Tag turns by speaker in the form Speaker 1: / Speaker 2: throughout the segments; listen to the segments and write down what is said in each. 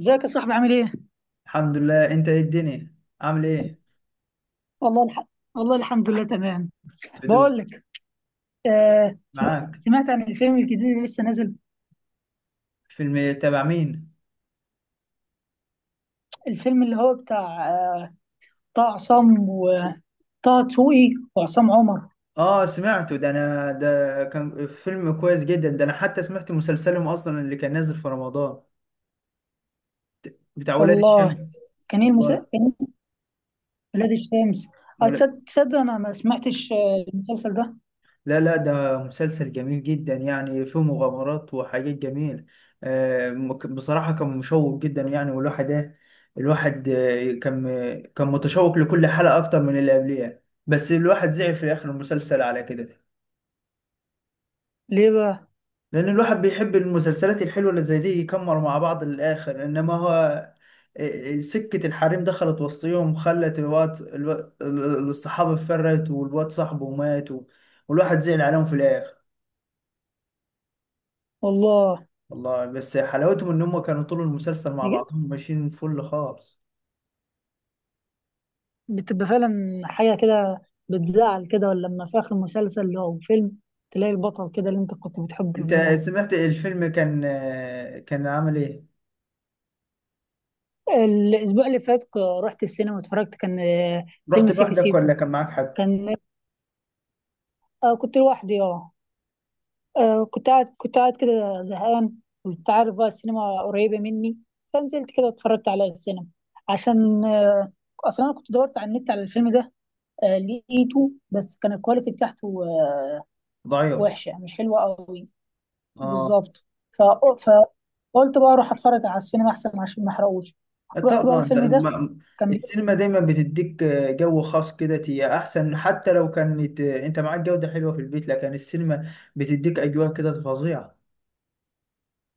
Speaker 1: ازيك يا صاحبي؟ عامل ايه؟
Speaker 2: الحمد لله. انت ايه الدنيا، عامل ايه؟
Speaker 1: والله الح... والله الحمد لله تمام.
Speaker 2: تدوم.
Speaker 1: بقول لك،
Speaker 2: معاك.
Speaker 1: سمعت عن الفيلم الجديد اللي لسه نازل.
Speaker 2: فيلم تبع مين؟
Speaker 1: الفيلم اللي هو بتاع طه، عصام وطه دسوقي وعصام عمر.
Speaker 2: اه، سمعته. ده انا ده كان فيلم كويس جدا. ده انا حتى سمعت مسلسلهم اصلا اللي كان نازل في رمضان بتاع ولاد الشمس.
Speaker 1: والله كان ايه المسلسل؟
Speaker 2: والله.
Speaker 1: كان إيه؟ ولاد الشمس.
Speaker 2: ولا-
Speaker 1: تصدق انا ما سمعتش المسلسل ده؟
Speaker 2: لا لا، ده مسلسل جميل جدا، يعني فيه مغامرات وحاجات جميلة. بصراحة كان مشوق جدا، يعني. والواحد ايه، الواحد كان متشوق لكل حلقة اكتر من اللي قبليها. بس الواحد زعل في الاخر المسلسل على كده.
Speaker 1: ليه بقى؟
Speaker 2: لان الواحد بيحب المسلسلات الحلوه اللي زي دي يكمروا مع بعض للاخر، انما هو سكه الحريم دخلت وسطيهم خلت الوقت الصحابه اتفرقت والواد صاحبه مات والواحد زعل عليهم في الاخر.
Speaker 1: والله
Speaker 2: والله بس حلاوتهم ان هم كانوا طول المسلسل مع
Speaker 1: بيج-
Speaker 2: بعضهم ماشيين فل خالص.
Speaker 1: بتبقى فعلا حاجة كده. بتزعل كده ولا، لما في آخر مسلسل أو فيلم تلاقي البطل كده اللي أنت كنت بتحبه
Speaker 2: انت
Speaker 1: بيموت.
Speaker 2: سمعت الفيلم كان كان عامل ايه؟
Speaker 1: الأسبوع اللي فات رحت السينما واتفرجت، كان
Speaker 2: رحت
Speaker 1: فيلم سيكي
Speaker 2: لوحدك ولا
Speaker 1: سيكو.
Speaker 2: كان معاك حد؟
Speaker 1: كان كنت لوحدي اه. كنت قاعد، كنت قاعد كده زهقان. وأنت عارف بقى السينما قريبة مني، فنزلت كده اتفرجت على السينما. عشان أصلا أنا كنت دورت على النت على الفيلم ده. لقيته بس كان الكواليتي بتاعته
Speaker 2: ضعيف.
Speaker 1: وحشة، مش حلوة قوي.
Speaker 2: اه،
Speaker 1: بالظبط. ف... فقلت بقى أروح أتفرج على السينما أحسن، عشان ما أحرقوش. رحت بقى
Speaker 2: طبعا.
Speaker 1: الفيلم ده، كان بي-
Speaker 2: السينما دايما بتديك جو خاص كده، هي احسن، حتى لو كانت انت معاك جودة حلوة في البيت لكن السينما بتديك اجواء كده فظيعة.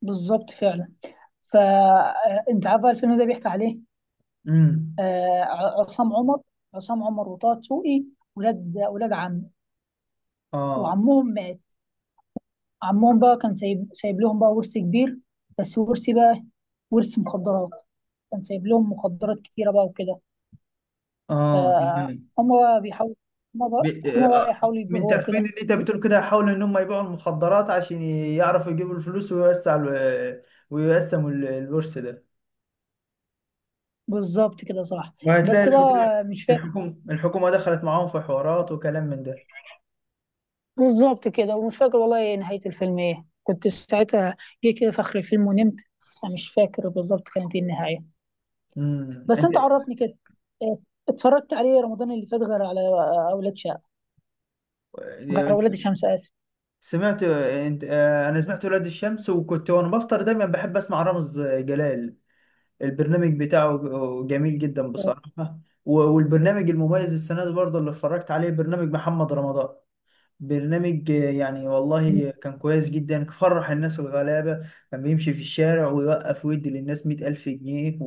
Speaker 1: بالظبط فعلا. فانت عارفه الفيلم ده بيحكي عليه.
Speaker 2: امم
Speaker 1: آه، عصام عمر، عصام عمر وطه دسوقي، ولاد عم،
Speaker 2: اه،
Speaker 1: وعمهم مات. عمهم بقى كان سايب لهم بقى ورث كبير، بس ورث بقى، ورث مخدرات. كان سايب لهم مخدرات كتيرة بقى وكده.
Speaker 2: اه، تمام.
Speaker 1: فهم بقى بيحاولوا، هم بقى
Speaker 2: ب-
Speaker 1: هم بقى
Speaker 2: آه،
Speaker 1: يحاولوا
Speaker 2: من
Speaker 1: يبيعوها
Speaker 2: تخمين
Speaker 1: وكده.
Speaker 2: اللي انت بتقول كده، حاولوا ان هم يبيعوا المخدرات عشان يعرفوا يجيبوا الفلوس ويوسعوا ويقسموا الورث ده.
Speaker 1: بالظبط كده، صح.
Speaker 2: وهتلاقي
Speaker 1: بس
Speaker 2: الحكومة.
Speaker 1: بقى مش فاهم،
Speaker 2: الحكومة دخلت معاهم في حوارات وكلام من ده.
Speaker 1: بالظبط كده، ومش فاكر والله إيه نهاية الفيلم، ايه كنت ساعتها. جه كده في آخر الفيلم ونمت. أنا مش فاكر بالظبط كانت ايه النهاية،
Speaker 2: امم.
Speaker 1: بس أنت عرفني كده. إيه، اتفرجت عليه رمضان اللي فات غير على أولاد شقة، غير
Speaker 2: انت
Speaker 1: أولاد الشمس، آسف.
Speaker 2: سمعت، آه، انت آه، انا سمعت ولاد الشمس. وكنت وانا بفطر دايما بحب اسمع رامز جلال. البرنامج بتاعه جميل جدا
Speaker 1: اه.
Speaker 2: بصراحة. والبرنامج المميز السنة دي برضه اللي اتفرجت عليه برنامج محمد رمضان. برنامج يعني والله كان كويس جدا. فرح الناس الغلابة، كان بيمشي في الشارع ويوقف ويدي للناس 100,000 جنيه.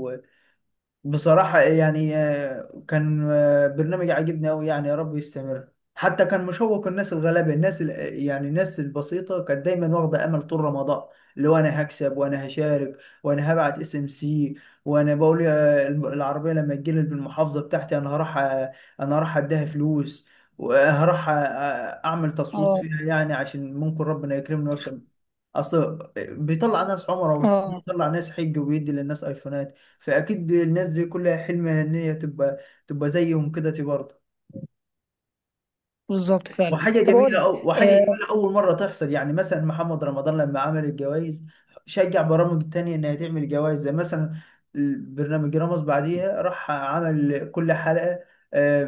Speaker 2: بصراحة يعني كان برنامج عاجبني أوي، يعني يا رب يستمر. حتى كان مشوق الناس الغلابة، الناس يعني الناس البسيطة كانت دايما واخدة أمل طول رمضان. اللي هو أنا هكسب، وأنا هشارك، وأنا هبعت اس ام سي. وأنا بقول العربية لما تجيلي بالمحافظة بتاعتي، أنا هروح أنا هروح أديها فلوس. وهروح أعمل تصويت
Speaker 1: اه.
Speaker 2: فيها، يعني عشان ممكن ربنا يكرمني وأكسب. اصل بيطلع ناس عمره
Speaker 1: آه،
Speaker 2: وبيطلع ناس حج وبيدي للناس ايفونات، فاكيد الناس دي كلها حلمها ان هي تبقى زيهم كده تي برضه.
Speaker 1: بالظبط فعلا. طب قول لي،
Speaker 2: وحاجه
Speaker 1: آه،
Speaker 2: جميله اول مره تحصل، يعني مثلا محمد رمضان لما عمل الجوائز، شجع برامج تانية انها تعمل جوائز. زي مثلا برنامج رامز بعديها راح عمل كل حلقه آه،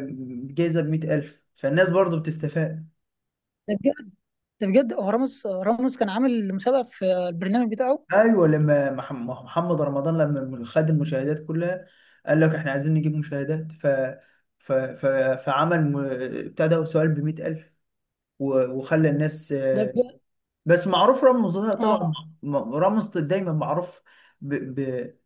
Speaker 2: جايزه ب 100,000، فالناس برضه بتستفاد.
Speaker 1: ده بجد؟ ده بجد هو رامز، رامز كان عامل مسابقة في البرنامج بتاعه؟
Speaker 2: ايوه لما محمد رمضان لما خد المشاهدات كلها، قال لك احنا عايزين نجيب مشاهدات. ف ف ف فعمل بتاع ده سؤال ب 100,000. وخلى الناس
Speaker 1: ده بجد.
Speaker 2: بس معروف رامز طبعا.
Speaker 1: اه.
Speaker 2: رامز دايما معروف ب... ب...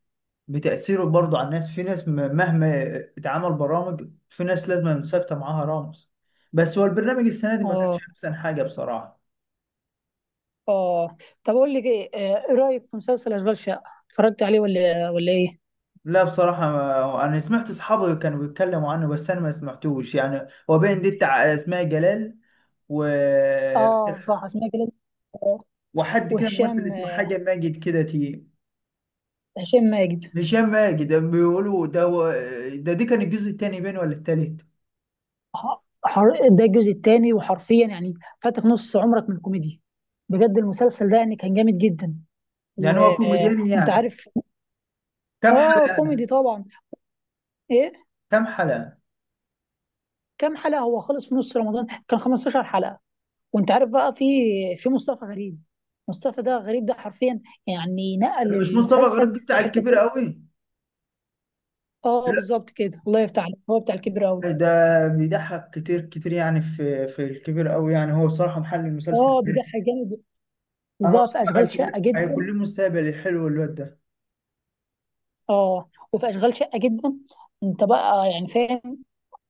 Speaker 2: بتأثيره برضه على الناس. في ناس، مهما اتعمل برامج، في ناس لازم ثابتة معاها رامز. بس هو البرنامج السنة دي ما
Speaker 1: اه.
Speaker 2: كانش أحسن حاجة بصراحة.
Speaker 1: اه طب قول لي ايه، إيه رأيك في مسلسل أشغال شقة؟ اتفرجت عليه ولا ايه؟
Speaker 2: لا، بصراحة أنا سمعت أصحابي كانوا بيتكلموا عنه، بس أنا ما سمعتوش. يعني هو باين دي بتاع أسماء جلال و...
Speaker 1: اه صح، اسمها جلال.
Speaker 2: وحد كده ممثل
Speaker 1: وهشام،
Speaker 2: اسمه حاجة ماجد كده تي.
Speaker 1: هشام ماجد.
Speaker 2: هشام ماجد بيقولوا ده. دي كان الجزء التاني باين ولا التالت؟
Speaker 1: ده الجزء الثاني، وحرفيا يعني فاتك نص عمرك من الكوميديا. بجد المسلسل ده يعني كان جامد جدا. و...
Speaker 2: يعني هو كوميدياني
Speaker 1: وانت
Speaker 2: يعني؟
Speaker 1: عارف،
Speaker 2: كام
Speaker 1: اه
Speaker 2: حلقة؟
Speaker 1: كوميدي طبعا. ايه
Speaker 2: كام حلقة؟
Speaker 1: كام حلقة؟ هو خلص في نص رمضان، كان 15 حلقة. وانت عارف بقى في مصطفى غريب. مصطفى غريب ده حرفيا يعني نقل
Speaker 2: مش مصطفى غريب
Speaker 1: المسلسل
Speaker 2: بتاع
Speaker 1: في حتة
Speaker 2: الكبير
Speaker 1: كده.
Speaker 2: قوي؟
Speaker 1: اه بالظبط كده، الله يفتح عليك، هو بتاع الكبير قوي.
Speaker 2: لا ده بيضحك كتير كتير، يعني في الكبير قوي، يعني هو بصراحة محل المسلسل
Speaker 1: اه
Speaker 2: ده.
Speaker 1: بيضحك جامد.
Speaker 2: أنا
Speaker 1: وبقى في
Speaker 2: أصلا
Speaker 1: اشغال
Speaker 2: هيكون
Speaker 1: شقة جدا.
Speaker 2: هيكون له مستقبل حلو الواد ده.
Speaker 1: اه وفي اشغال شقه جدا. انت بقى يعني فاهم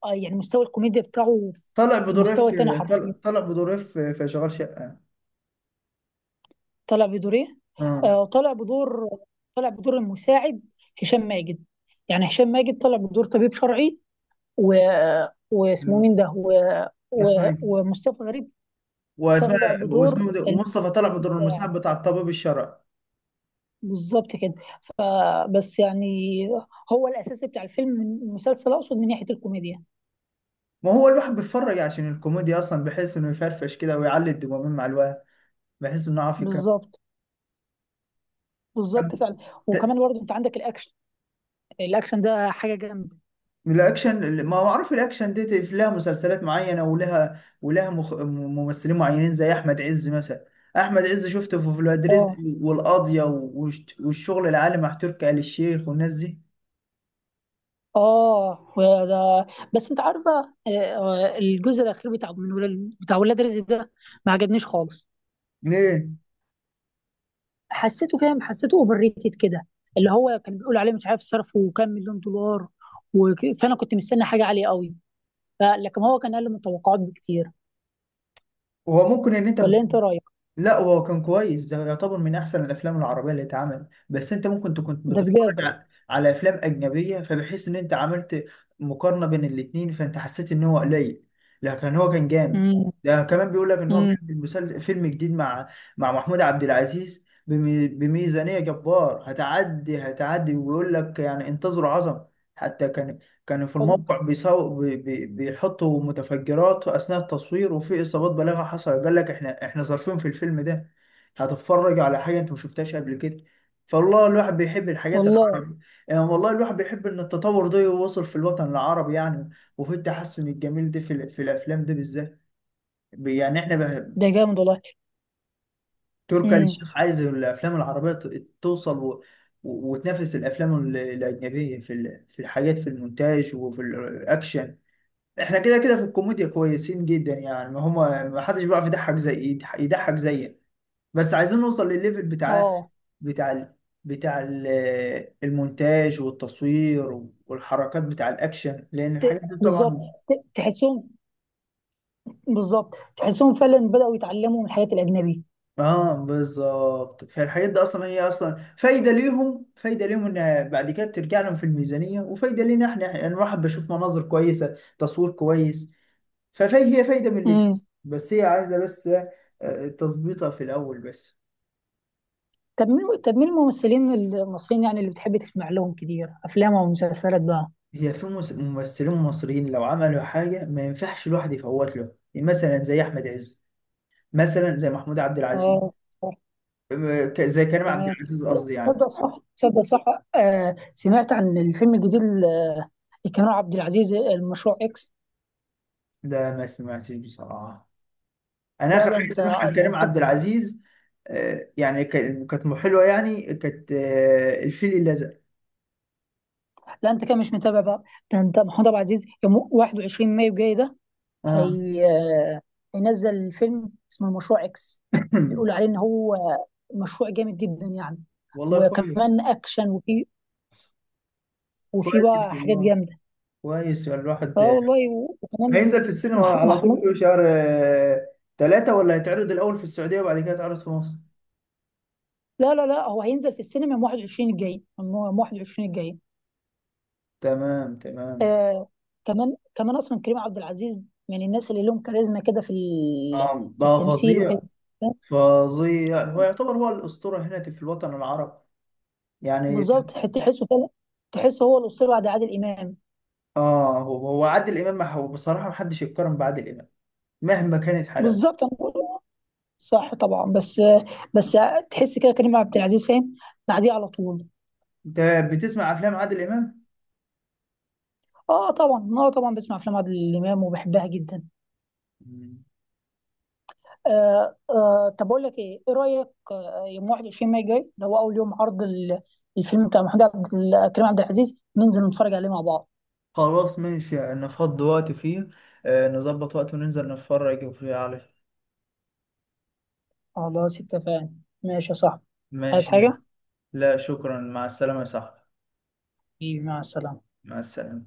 Speaker 1: يعني مستوى الكوميديا بتاعه
Speaker 2: طلع
Speaker 1: في
Speaker 2: بدور اف.
Speaker 1: مستوى تاني حرفيا.
Speaker 2: طلع بدور اف في شغال شقه.
Speaker 1: طلع بدور ايه؟
Speaker 2: اه.
Speaker 1: آه طلع بدور، طلع بدور المساعد. هشام ماجد، يعني هشام ماجد طلع بدور طبيب شرعي، و... واسمه مين ده، و... و...
Speaker 2: اسمعي.
Speaker 1: ومصطفى غريب
Speaker 2: واسماء،
Speaker 1: طلع
Speaker 2: واسمه
Speaker 1: بدور
Speaker 2: ده، ومصطفى طلع بدور
Speaker 1: المساعد.
Speaker 2: المساعد بتاع الطبيب الشرعي.
Speaker 1: بالظبط كده. فبس يعني هو الاساس بتاع الفيلم، من المسلسل اقصد، من ناحيه الكوميديا.
Speaker 2: ما هو الواحد بيتفرج عشان الكوميديا اصلا، بحيث انه يفرفش كده ويعلي الدوبامين مع الواحد، بحيث انه يعرف يكمل.
Speaker 1: بالظبط.
Speaker 2: طب.
Speaker 1: بالظبط فعلا.
Speaker 2: ت-
Speaker 1: وكمان برضه انت عندك الاكشن. الاكشن ده حاجه جامده.
Speaker 2: الاكشن، ما اعرف الاكشن دي لها مسلسلات معينه، ولها ممثلين معينين زي احمد عز مثلا. احمد عز شفته في ولاد رزق
Speaker 1: اه.
Speaker 2: والقاضيه والشغل العالي مع تركي آل الشيخ والناس دي.
Speaker 1: اه. وده بس انت عارفه، الجزء الاخير بتاع من ولاد، بتاع ولاد رزق ده، ما عجبنيش خالص.
Speaker 2: ليه؟
Speaker 1: حسيته فاهم، حسيته اوفر ريتد كده، اللي هو كان بيقول عليه مش عارف صرفه وكام مليون دولار. فانا كنت مستني حاجه عاليه قوي. لكن هو كان اقل من التوقعات بكتير.
Speaker 2: هو ممكن ان انت
Speaker 1: ولا انت رايك؟
Speaker 2: لا، هو كان كويس. ده يعتبر من احسن الافلام العربيه اللي اتعملت، بس انت ممكن تكون
Speaker 1: ده
Speaker 2: بتتفرج
Speaker 1: بجد.
Speaker 2: على، على افلام اجنبيه، فبحيث ان انت عملت مقارنه بين الاتنين، فانت حسيت ان هو قليل. لكن هو كان جامد.
Speaker 1: امم.
Speaker 2: ده كمان بيقول لك ان هو
Speaker 1: امم.
Speaker 2: بيعمل فيلم جديد مع محمود عبد العزيز بميزانيه جبار هتعدي، ويقول لك يعني انتظروا عظمه. حتى كانوا في
Speaker 1: والله.
Speaker 2: الموقع بيساو بي بي بيحطوا متفجرات أثناء التصوير، وفي إصابات بالغة حصلت. قال لك إحنا ظرفين في الفيلم ده. هتتفرج على حاجة أنت ما شفتهاش قبل كده. فالله الواحد بيحب الحاجات
Speaker 1: والله.
Speaker 2: العربية، يعني والله الواحد بيحب إن التطور ده يوصل في الوطن العربي، يعني. وفي التحسن الجميل ده في الأفلام ده بالذات. يعني إحنا بقى.
Speaker 1: ده جامد والله.
Speaker 2: تركي آل
Speaker 1: امم.
Speaker 2: الشيخ عايز الأفلام العربية توصل وتنافس الأفلام الأجنبية في الحاجات، في المونتاج وفي الأكشن. احنا كده كده في الكوميديا كويسين جدا، يعني ما هما ما حدش بيعرف يضحك زي يضحك زينا. بس عايزين نوصل للليفل بتاع
Speaker 1: اه.
Speaker 2: بتاع ال... بتاع ال... المونتاج والتصوير والحركات بتاع الاكشن، لان الحاجات دي
Speaker 1: بالظبط.
Speaker 2: طبعا.
Speaker 1: تحسهم. بالظبط تحسهم فعلا بدأوا يتعلموا من الحاجات الأجنبية.
Speaker 2: اه، بالظبط. فالحاجات دي اصلا، هي اصلا فايده ليهم، ان بعد كده بترجع لهم في الميزانيه، وفايده لينا احنا، يعني الواحد بشوف مناظر كويسه، تصوير كويس. فهي فايده من الاتنين.
Speaker 1: امم.
Speaker 2: بس هي عايزه بس تظبيطها في الاول بس.
Speaker 1: طب مين، طب مين الممثلين المصريين يعني اللي بتحب تسمع لهم كتير أفلام أو مسلسلات بقى؟
Speaker 2: هي في ممثلين مصريين لو عملوا حاجة ما ينفعش الواحد يفوت له، يعني مثلا زي أحمد عز، مثلا زي محمود عبد العزيز.
Speaker 1: اه صح.
Speaker 2: زي كريم عبد
Speaker 1: تمام.
Speaker 2: العزيز
Speaker 1: س-
Speaker 2: قصدي،
Speaker 1: تصدق
Speaker 2: يعني.
Speaker 1: صح، تصدق صح. سمعت عن الفيلم الجديد لكريم عبد العزيز، المشروع إكس.
Speaker 2: ده ما سمعتش بصراحة. أنا
Speaker 1: لا
Speaker 2: آخر
Speaker 1: ده
Speaker 2: حاجة
Speaker 1: انت،
Speaker 2: سمعها
Speaker 1: ده
Speaker 2: لكريم
Speaker 1: انت.
Speaker 2: عبد العزيز، يعني كانت حلوة، يعني كانت الفيل الأزرق.
Speaker 1: لا انت كده مش متابع بقى. ده انت محمود عبد العزيز يوم 21 مايو جاي ده.
Speaker 2: آه.
Speaker 1: هي هينزل فيلم اسمه مشروع اكس. بيقولوا عليه ان هو مشروع جامد جدا يعني.
Speaker 2: والله كويس.
Speaker 1: وكمان اكشن، وفي، وفي
Speaker 2: كويس
Speaker 1: بقى حاجات
Speaker 2: والله.
Speaker 1: جامده.
Speaker 2: كويس، يعني الواحد
Speaker 1: اه والله. وكمان
Speaker 2: هينزل في السينما على طول
Speaker 1: محمود،
Speaker 2: في شهر 3؟ ولا هيتعرض الأول في السعودية وبعد كده يتعرض في مصر؟
Speaker 1: لا لا لا هو هينزل في السينما يوم 21 الجاي، يوم 21 الجاي.
Speaker 2: تمام، تمام.
Speaker 1: آه. كمان، كمان اصلا كريم عبد العزيز من الناس اللي لهم كاريزما كده في ال- في
Speaker 2: ده
Speaker 1: التمثيل
Speaker 2: فظيع.
Speaker 1: وكده.
Speaker 2: فظيع، هو يعتبر هو الأسطورة هنا في الوطن العربي، يعني.
Speaker 1: بالظبط تحسه فعلا. تحسه هو الاسطوره بعد عادل امام.
Speaker 2: اه، هو عادل إمام. ما هو بصراحة ما حدش يتقارن بعادل إمام مهما كانت حلاوة.
Speaker 1: بالظبط. انا، صح طبعا. بس تحس كده كريم عبد العزيز فاهم، بعديه على طول.
Speaker 2: انت بتسمع أفلام عادل إمام؟
Speaker 1: اه طبعا، اه طبعا بسمع افلام عادل امام وبحبها جدا.
Speaker 2: مم.
Speaker 1: طب اقول لك ايه، ايه رايك يوم 21 ماي جاي اللي هو اول يوم عرض الفيلم بتاع كريم عبد العزيز، ننزل نتفرج عليه مع بعض؟
Speaker 2: خلاص، ماشي، نفضي وقت فيه. نظبط وقت وننزل نتفرج فيه عليه.
Speaker 1: خلاص اتفقنا. ماشي يا صاحبي. عايز
Speaker 2: ماشي.
Speaker 1: حاجه؟
Speaker 2: لا شكرا، مع السلامة يا صاحبي.
Speaker 1: حبيبي، مع السلامه.
Speaker 2: مع السلامة.